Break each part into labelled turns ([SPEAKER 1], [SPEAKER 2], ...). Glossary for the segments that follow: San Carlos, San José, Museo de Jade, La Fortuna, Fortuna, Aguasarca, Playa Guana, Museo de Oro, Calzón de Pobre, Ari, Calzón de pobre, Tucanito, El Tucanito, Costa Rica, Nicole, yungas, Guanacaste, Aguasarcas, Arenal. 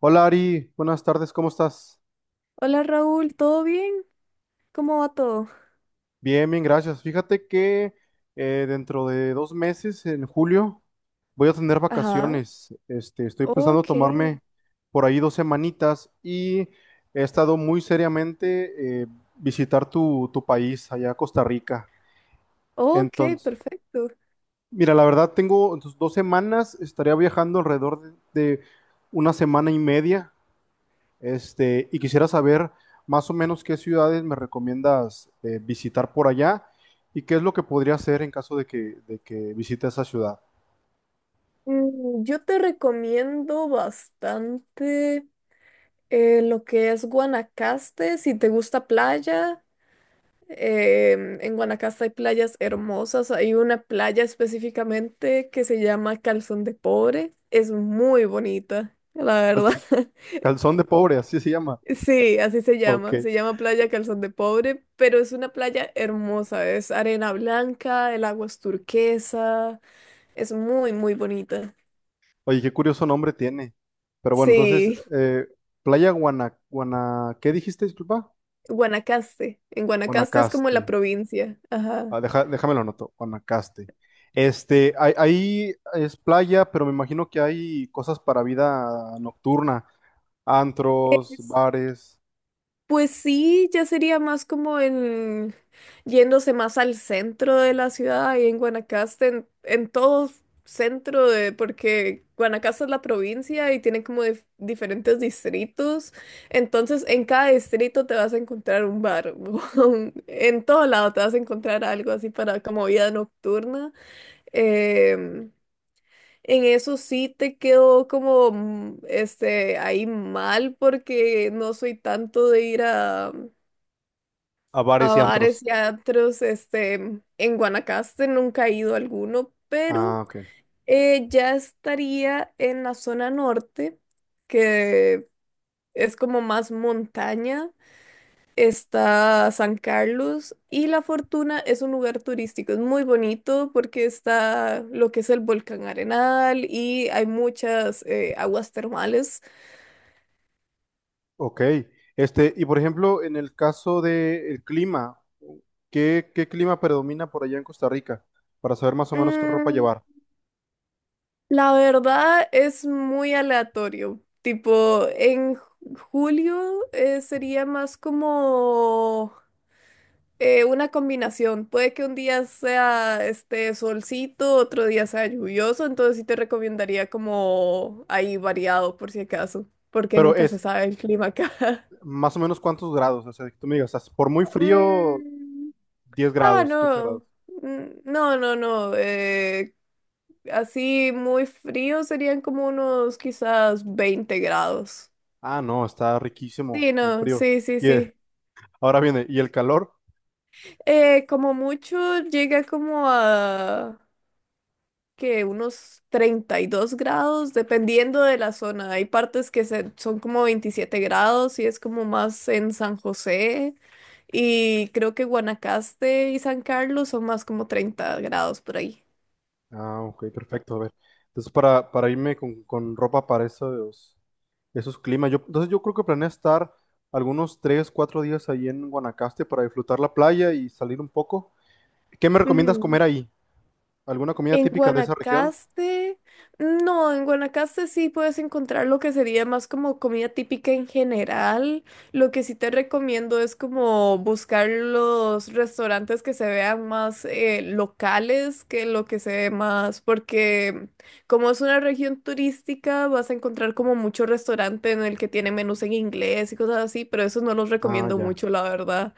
[SPEAKER 1] Hola Ari, buenas tardes, ¿cómo estás?
[SPEAKER 2] Hola Raúl, ¿todo bien? ¿Cómo va todo?
[SPEAKER 1] Bien, bien, gracias. Fíjate que dentro de 2 meses, en julio, voy a tener
[SPEAKER 2] Ajá,
[SPEAKER 1] vacaciones. Este, estoy pensando
[SPEAKER 2] ok,
[SPEAKER 1] tomarme por ahí dos semanitas y he estado muy seriamente visitar tu país, allá Costa Rica.
[SPEAKER 2] ok,
[SPEAKER 1] Entonces,
[SPEAKER 2] perfecto.
[SPEAKER 1] mira, la verdad tengo entonces, 2 semanas, estaría viajando alrededor de una semana y media. Este, y quisiera saber más o menos qué ciudades me recomiendas visitar por allá y qué es lo que podría hacer en caso de que visite esa ciudad.
[SPEAKER 2] Yo te recomiendo bastante lo que es Guanacaste, si te gusta playa. En Guanacaste hay playas hermosas, hay una playa específicamente que se llama Calzón de Pobre, es muy bonita, la verdad.
[SPEAKER 1] Calz- Calzón de pobre, así se llama.
[SPEAKER 2] Sí, así se
[SPEAKER 1] Ok.
[SPEAKER 2] llama. Se llama Playa Calzón de Pobre, pero es una playa hermosa. Es arena blanca, el agua es turquesa, es muy, muy bonita.
[SPEAKER 1] Oye, qué curioso nombre tiene. Pero bueno, entonces,
[SPEAKER 2] Sí,
[SPEAKER 1] Playa Guana, ¿qué dijiste, disculpa?
[SPEAKER 2] Guanacaste. En Guanacaste es como
[SPEAKER 1] Guanacaste.
[SPEAKER 2] la provincia. Ajá.
[SPEAKER 1] Ah, deja- déjame lo anoto, Guanacaste. Este, ahí es playa, pero me imagino que hay cosas para vida nocturna, antros, bares.
[SPEAKER 2] Pues sí, ya sería más como en yéndose más al centro de la ciudad y en Guanacaste, en todo centro de, porque Guanacaste es la provincia y tiene como diferentes distritos. Entonces, en cada distrito te vas a encontrar un bar, en todo lado te vas a encontrar algo así para como vida nocturna. Em, en eso sí te quedó como este ahí mal porque no soy tanto de ir a
[SPEAKER 1] A
[SPEAKER 2] a
[SPEAKER 1] bares y
[SPEAKER 2] bares
[SPEAKER 1] antros.
[SPEAKER 2] y a antros, este, en Guanacaste nunca he ido a alguno, pero
[SPEAKER 1] Ah, ok.
[SPEAKER 2] ya estaría en la zona norte, que es como más montaña. Está San Carlos y La Fortuna es un lugar turístico, es muy bonito porque está lo que es el volcán Arenal y hay muchas aguas termales.
[SPEAKER 1] Ok. Este, y por ejemplo, en el caso del clima, ¿qué clima predomina por allá en Costa Rica? Para saber más o menos qué ropa
[SPEAKER 2] Mm,
[SPEAKER 1] llevar.
[SPEAKER 2] La verdad es muy aleatorio. Tipo, en julio sería más como una combinación. Puede que un día sea este solcito, otro día sea lluvioso, entonces sí te recomendaría como ahí variado por si acaso, porque
[SPEAKER 1] Pero
[SPEAKER 2] nunca se
[SPEAKER 1] es
[SPEAKER 2] sabe el clima acá.
[SPEAKER 1] más o menos cuántos grados, o sea, que tú me digas, "Ah, por muy frío,
[SPEAKER 2] Mm,
[SPEAKER 1] 10
[SPEAKER 2] ah,
[SPEAKER 1] grados, quince
[SPEAKER 2] no.
[SPEAKER 1] grados.
[SPEAKER 2] Mm, No, no, no. Así muy frío serían como unos quizás 20 grados.
[SPEAKER 1] Ah, no, está riquísimo,
[SPEAKER 2] Sí,
[SPEAKER 1] muy
[SPEAKER 2] no,
[SPEAKER 1] frío.
[SPEAKER 2] sí, sí,
[SPEAKER 1] Y
[SPEAKER 2] sí.
[SPEAKER 1] ahora viene, ¿y el calor?
[SPEAKER 2] Como mucho llega como a que unos 32 grados, dependiendo de la zona. Hay partes que son como 27 grados y es como más en San José. Y creo que Guanacaste y San Carlos son más como 30 grados por ahí.
[SPEAKER 1] Ah, ok, perfecto, a ver. Entonces, para irme con ropa para esos, eso es clima. Yo, entonces yo creo que planeo estar algunos 3 4 días ahí en Guanacaste para disfrutar la playa y salir un poco. ¿Qué me recomiendas comer ahí? ¿Alguna comida
[SPEAKER 2] En
[SPEAKER 1] típica de esa región?
[SPEAKER 2] Guanacaste, no, en Guanacaste sí puedes encontrar lo que sería más como comida típica en general. Lo que sí te recomiendo es como buscar los restaurantes que se vean más locales que lo que se ve más, porque como es una región turística, vas a encontrar como mucho restaurante en el que tiene menús en inglés y cosas así, pero eso no los
[SPEAKER 1] Ah,
[SPEAKER 2] recomiendo
[SPEAKER 1] ya.
[SPEAKER 2] mucho, la verdad.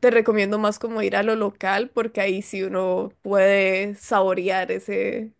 [SPEAKER 2] Te recomiendo más como ir a lo local porque ahí sí uno puede saborear ese,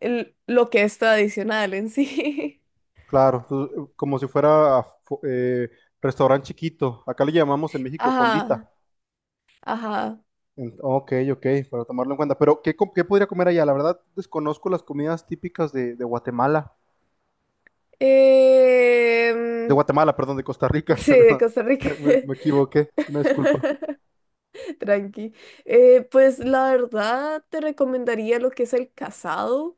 [SPEAKER 2] lo que es tradicional en sí.
[SPEAKER 1] Claro, tú- como si fuera fu- restaurante chiquito. Acá le llamamos en México fondita.
[SPEAKER 2] Ajá, ajá.
[SPEAKER 1] En- ok, ok, para tomarlo en cuenta. Pero ¿qué, com- qué podría comer allá? La verdad desconozco las comidas típicas de Guatemala. De
[SPEAKER 2] Em,
[SPEAKER 1] Guatemala, perdón, de Costa Rica.
[SPEAKER 2] sí, de Costa Rica,
[SPEAKER 1] ¿Verdad? Me equivoqué. Una disculpa.
[SPEAKER 2] tranqui. Pues la verdad te recomendaría lo que es el casado.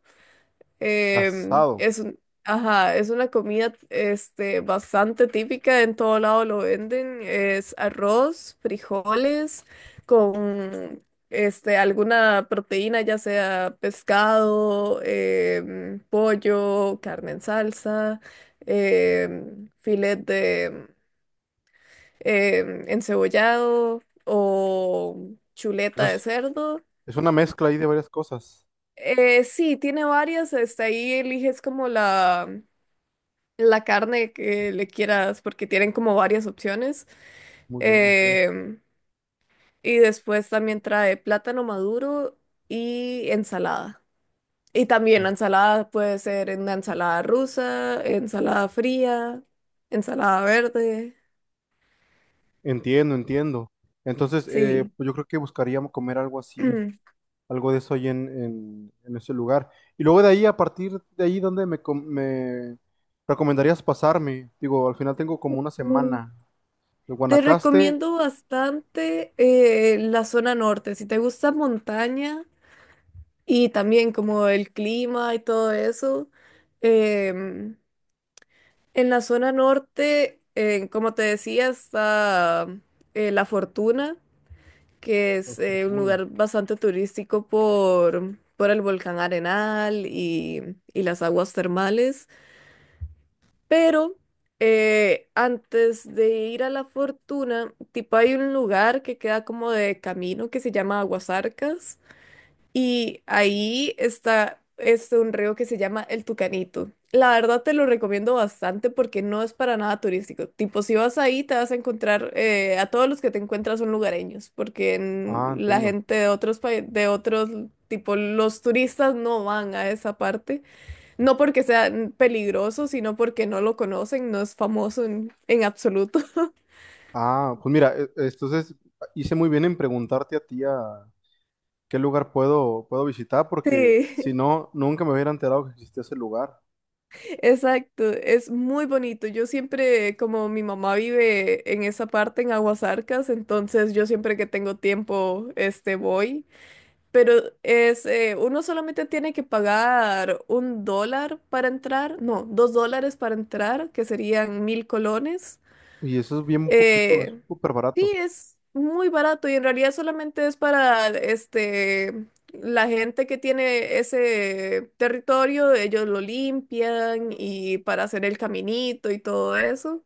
[SPEAKER 2] Em,
[SPEAKER 1] Casado.
[SPEAKER 2] es un- ajá, es una comida este, bastante típica, en todo lado lo venden. Es arroz, frijoles, con este, alguna proteína, ya sea pescado, pollo, carne en salsa, filet de encebollado o chuleta de cerdo.
[SPEAKER 1] Es una mezcla ahí de varias cosas.
[SPEAKER 2] Sí, tiene varias, hasta ahí eliges como la carne que le quieras, porque tienen como varias opciones.
[SPEAKER 1] Muy bien, ok.
[SPEAKER 2] Em, y después también trae plátano maduro y ensalada. Y también
[SPEAKER 1] Oh.
[SPEAKER 2] la ensalada puede ser en la ensalada rusa, ensalada fría, ensalada verde.
[SPEAKER 1] Entiendo, entiendo. Entonces,
[SPEAKER 2] Sí.
[SPEAKER 1] pues yo creo que buscaríamos comer algo así, algo de eso ahí en ese lugar. Y luego de ahí, a partir de ahí, com- me recomendarías pasarme? Digo, al final tengo como una
[SPEAKER 2] Mm,
[SPEAKER 1] semana. De
[SPEAKER 2] Te
[SPEAKER 1] Guanacaste
[SPEAKER 2] recomiendo bastante la zona norte. Si te gusta montaña y también como el clima y todo eso, em, en la zona norte, como te decía, está La Fortuna, que
[SPEAKER 1] a
[SPEAKER 2] es un
[SPEAKER 1] Fortuna.
[SPEAKER 2] lugar bastante turístico por el volcán Arenal y las aguas termales. Pero antes de ir a La Fortuna, tipo hay un lugar que queda como de camino que se llama Aguasarcas y ahí está este un río que se llama El Tucanito. La verdad te lo recomiendo bastante porque no es para nada turístico. Tipo, si vas ahí te vas a encontrar, a todos los que te encuentras son lugareños, porque
[SPEAKER 1] Ah,
[SPEAKER 2] la
[SPEAKER 1] entiendo.
[SPEAKER 2] gente de otros países, de otros, tipo, los turistas no van a esa parte. No porque sea peligroso, sino porque no lo conocen, no es famoso en absoluto.
[SPEAKER 1] Ah, pues mira, e- entonces hice muy bien en preguntarte a ti a qué lugar puedo visitar, porque
[SPEAKER 2] Sí.
[SPEAKER 1] si no, nunca me hubiera enterado que existía ese lugar.
[SPEAKER 2] Exacto, es muy bonito. Yo siempre, como mi mamá vive en esa parte, en Aguasarcas, entonces yo siempre que tengo tiempo, este, voy. Pero uno solamente tiene que pagar $1 para entrar, no, $2 para entrar, que serían 1.000 colones.
[SPEAKER 1] Y eso es bien poquito, es
[SPEAKER 2] Eh,
[SPEAKER 1] súper
[SPEAKER 2] sí,
[SPEAKER 1] barato.
[SPEAKER 2] es muy barato y en realidad solamente es para este la gente que tiene ese territorio, ellos lo limpian y para hacer el caminito y todo eso.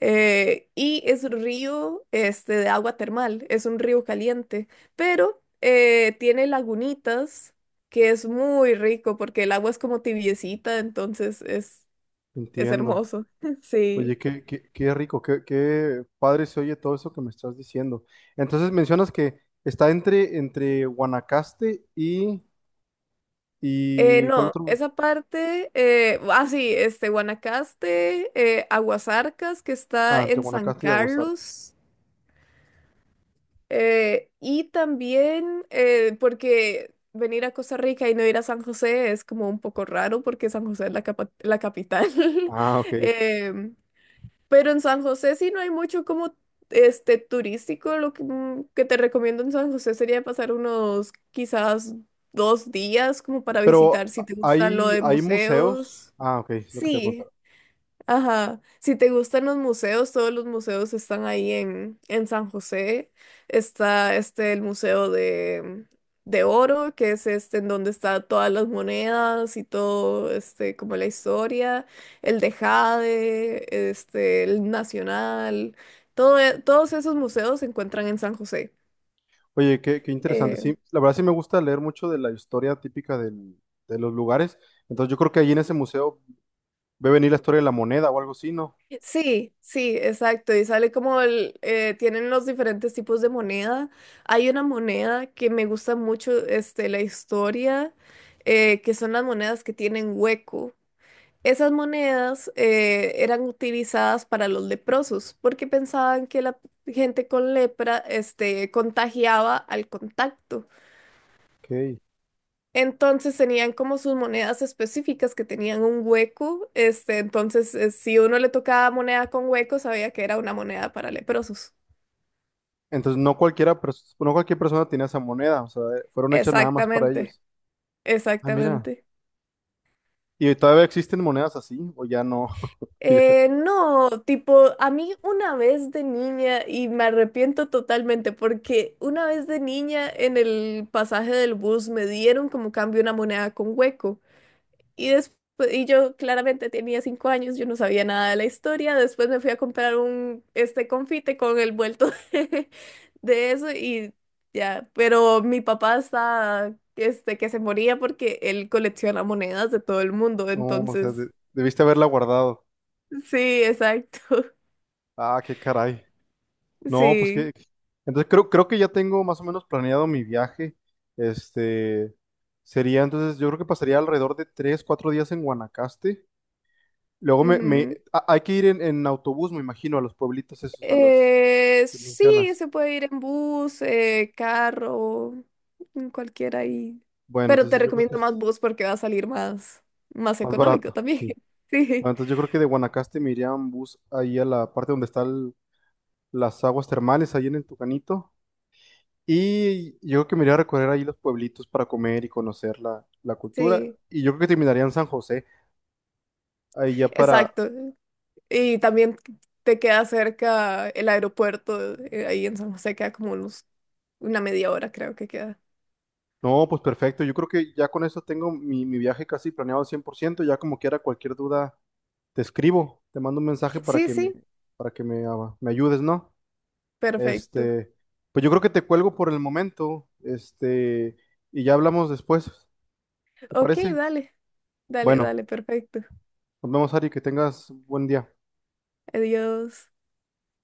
[SPEAKER 2] Y es río este de agua termal, es un río caliente, pero tiene lagunitas que es muy rico porque el agua es como tibiecita, entonces es
[SPEAKER 1] Entiendo.
[SPEAKER 2] hermoso.
[SPEAKER 1] Oye,
[SPEAKER 2] Sí.
[SPEAKER 1] qué rico, qué padre se oye todo eso que me estás diciendo. Entonces mencionas que está entre Guanacaste
[SPEAKER 2] Eh,
[SPEAKER 1] y... ¿Cuál
[SPEAKER 2] no,
[SPEAKER 1] otro?
[SPEAKER 2] esa parte, ah, sí, este, Guanacaste, Aguasarcas, que está
[SPEAKER 1] Ah, entre
[SPEAKER 2] en San
[SPEAKER 1] Guanacaste y Aguasarca.
[SPEAKER 2] Carlos, y también, porque venir a Costa Rica y no ir a San José es como un poco raro, porque San José es la capital.
[SPEAKER 1] Ah, ok.
[SPEAKER 2] Em, pero en San José sí no hay mucho como este turístico. Lo que te recomiendo en San José sería pasar unos quizás 2 días como para visitar
[SPEAKER 1] Pero
[SPEAKER 2] si te gusta lo
[SPEAKER 1] hay,
[SPEAKER 2] de
[SPEAKER 1] hay museos.
[SPEAKER 2] museos.
[SPEAKER 1] Ah, ok, es lo que te
[SPEAKER 2] Sí,
[SPEAKER 1] preguntaba.
[SPEAKER 2] ajá, si te gustan los museos, todos los museos están ahí en San José. Está este el Museo de Oro, que es este en donde está todas las monedas y todo, este, como la historia, el de Jade, este, el Nacional, todo, todos esos museos se encuentran en San José.
[SPEAKER 1] Oye, qué interesante. Sí,
[SPEAKER 2] Eh,
[SPEAKER 1] la verdad sí me gusta leer mucho de la historia típica del- de los lugares. Entonces yo creo que ahí en ese museo ve venir la historia de la moneda o algo así, ¿no?
[SPEAKER 2] Sí, sí, exacto. Y sale como tienen los diferentes tipos de moneda. Hay una moneda que me gusta mucho, este, la historia, que son las monedas que tienen hueco. Esas monedas eran utilizadas para los leprosos porque pensaban que la gente con lepra, este, contagiaba al contacto.
[SPEAKER 1] Ok.
[SPEAKER 2] Entonces tenían como sus monedas específicas que tenían un hueco. Este, entonces, si uno le tocaba moneda con hueco, sabía que era una moneda para leprosos.
[SPEAKER 1] Entonces no cualquiera, pers- no cualquier persona tenía esa moneda, o sea, fueron hechas nada más para
[SPEAKER 2] Exactamente,
[SPEAKER 1] ellos. Ah, mira.
[SPEAKER 2] exactamente.
[SPEAKER 1] ¿Y todavía existen monedas así? ¿O ya no? Ya-
[SPEAKER 2] No, tipo, a mí una vez de niña, y me arrepiento totalmente, porque una vez de niña en el pasaje del bus me dieron como cambio una moneda con hueco. Y después, y yo claramente tenía 5 años, yo no sabía nada de la historia. Después me fui a comprar un este confite con el vuelto de eso y ya. Pero mi papá está este que se moría porque él colecciona monedas de todo el mundo.
[SPEAKER 1] no, o sea, de-
[SPEAKER 2] Entonces,
[SPEAKER 1] debiste haberla guardado.
[SPEAKER 2] sí, exacto.
[SPEAKER 1] Ah, qué caray. No, pues que...
[SPEAKER 2] Sí.
[SPEAKER 1] Entonces creo, creo que ya tengo más o menos planeado mi viaje. Este, sería entonces, yo creo que pasaría alrededor de tres, cuatro días en Guanacaste. Luego me, me-
[SPEAKER 2] Ujú.
[SPEAKER 1] a- hay que ir en autobús, me imagino, a los pueblitos esos, a los
[SPEAKER 2] Eh,
[SPEAKER 1] que
[SPEAKER 2] sí,
[SPEAKER 1] mencionas.
[SPEAKER 2] se puede ir en bus, carro, en cualquiera ahí.
[SPEAKER 1] Bueno,
[SPEAKER 2] Pero te
[SPEAKER 1] entonces yo creo que
[SPEAKER 2] recomiendo más
[SPEAKER 1] es
[SPEAKER 2] bus porque va a salir más
[SPEAKER 1] más
[SPEAKER 2] económico
[SPEAKER 1] barato,
[SPEAKER 2] también.
[SPEAKER 1] sí.
[SPEAKER 2] Sí,
[SPEAKER 1] Ah, entonces yo creo que de Guanacaste me iría en bus ahí a la parte donde están las aguas termales, ahí en el Tucanito. Y yo creo que me iría a recorrer ahí los pueblitos para comer y conocer la cultura.
[SPEAKER 2] sí,
[SPEAKER 1] Y yo creo que terminaría en San José, ahí ya para...
[SPEAKER 2] exacto. Y también te queda cerca el aeropuerto, ahí en San José queda como una media hora creo que queda.
[SPEAKER 1] No, pues perfecto. Yo creo que ya con eso tengo mi viaje casi planeado al 100%. Ya como quiera, cualquier duda te escribo, te mando un mensaje
[SPEAKER 2] Sí, sí,
[SPEAKER 1] para que me, ah, me ayudes, ¿no?
[SPEAKER 2] perfecto.
[SPEAKER 1] Este, pues yo creo que te cuelgo por el momento, este, y ya hablamos después. ¿Te
[SPEAKER 2] Ok,
[SPEAKER 1] parece?
[SPEAKER 2] dale, dale,
[SPEAKER 1] Bueno,
[SPEAKER 2] dale, perfecto.
[SPEAKER 1] nos vemos, Ari, que tengas buen día.
[SPEAKER 2] Adiós.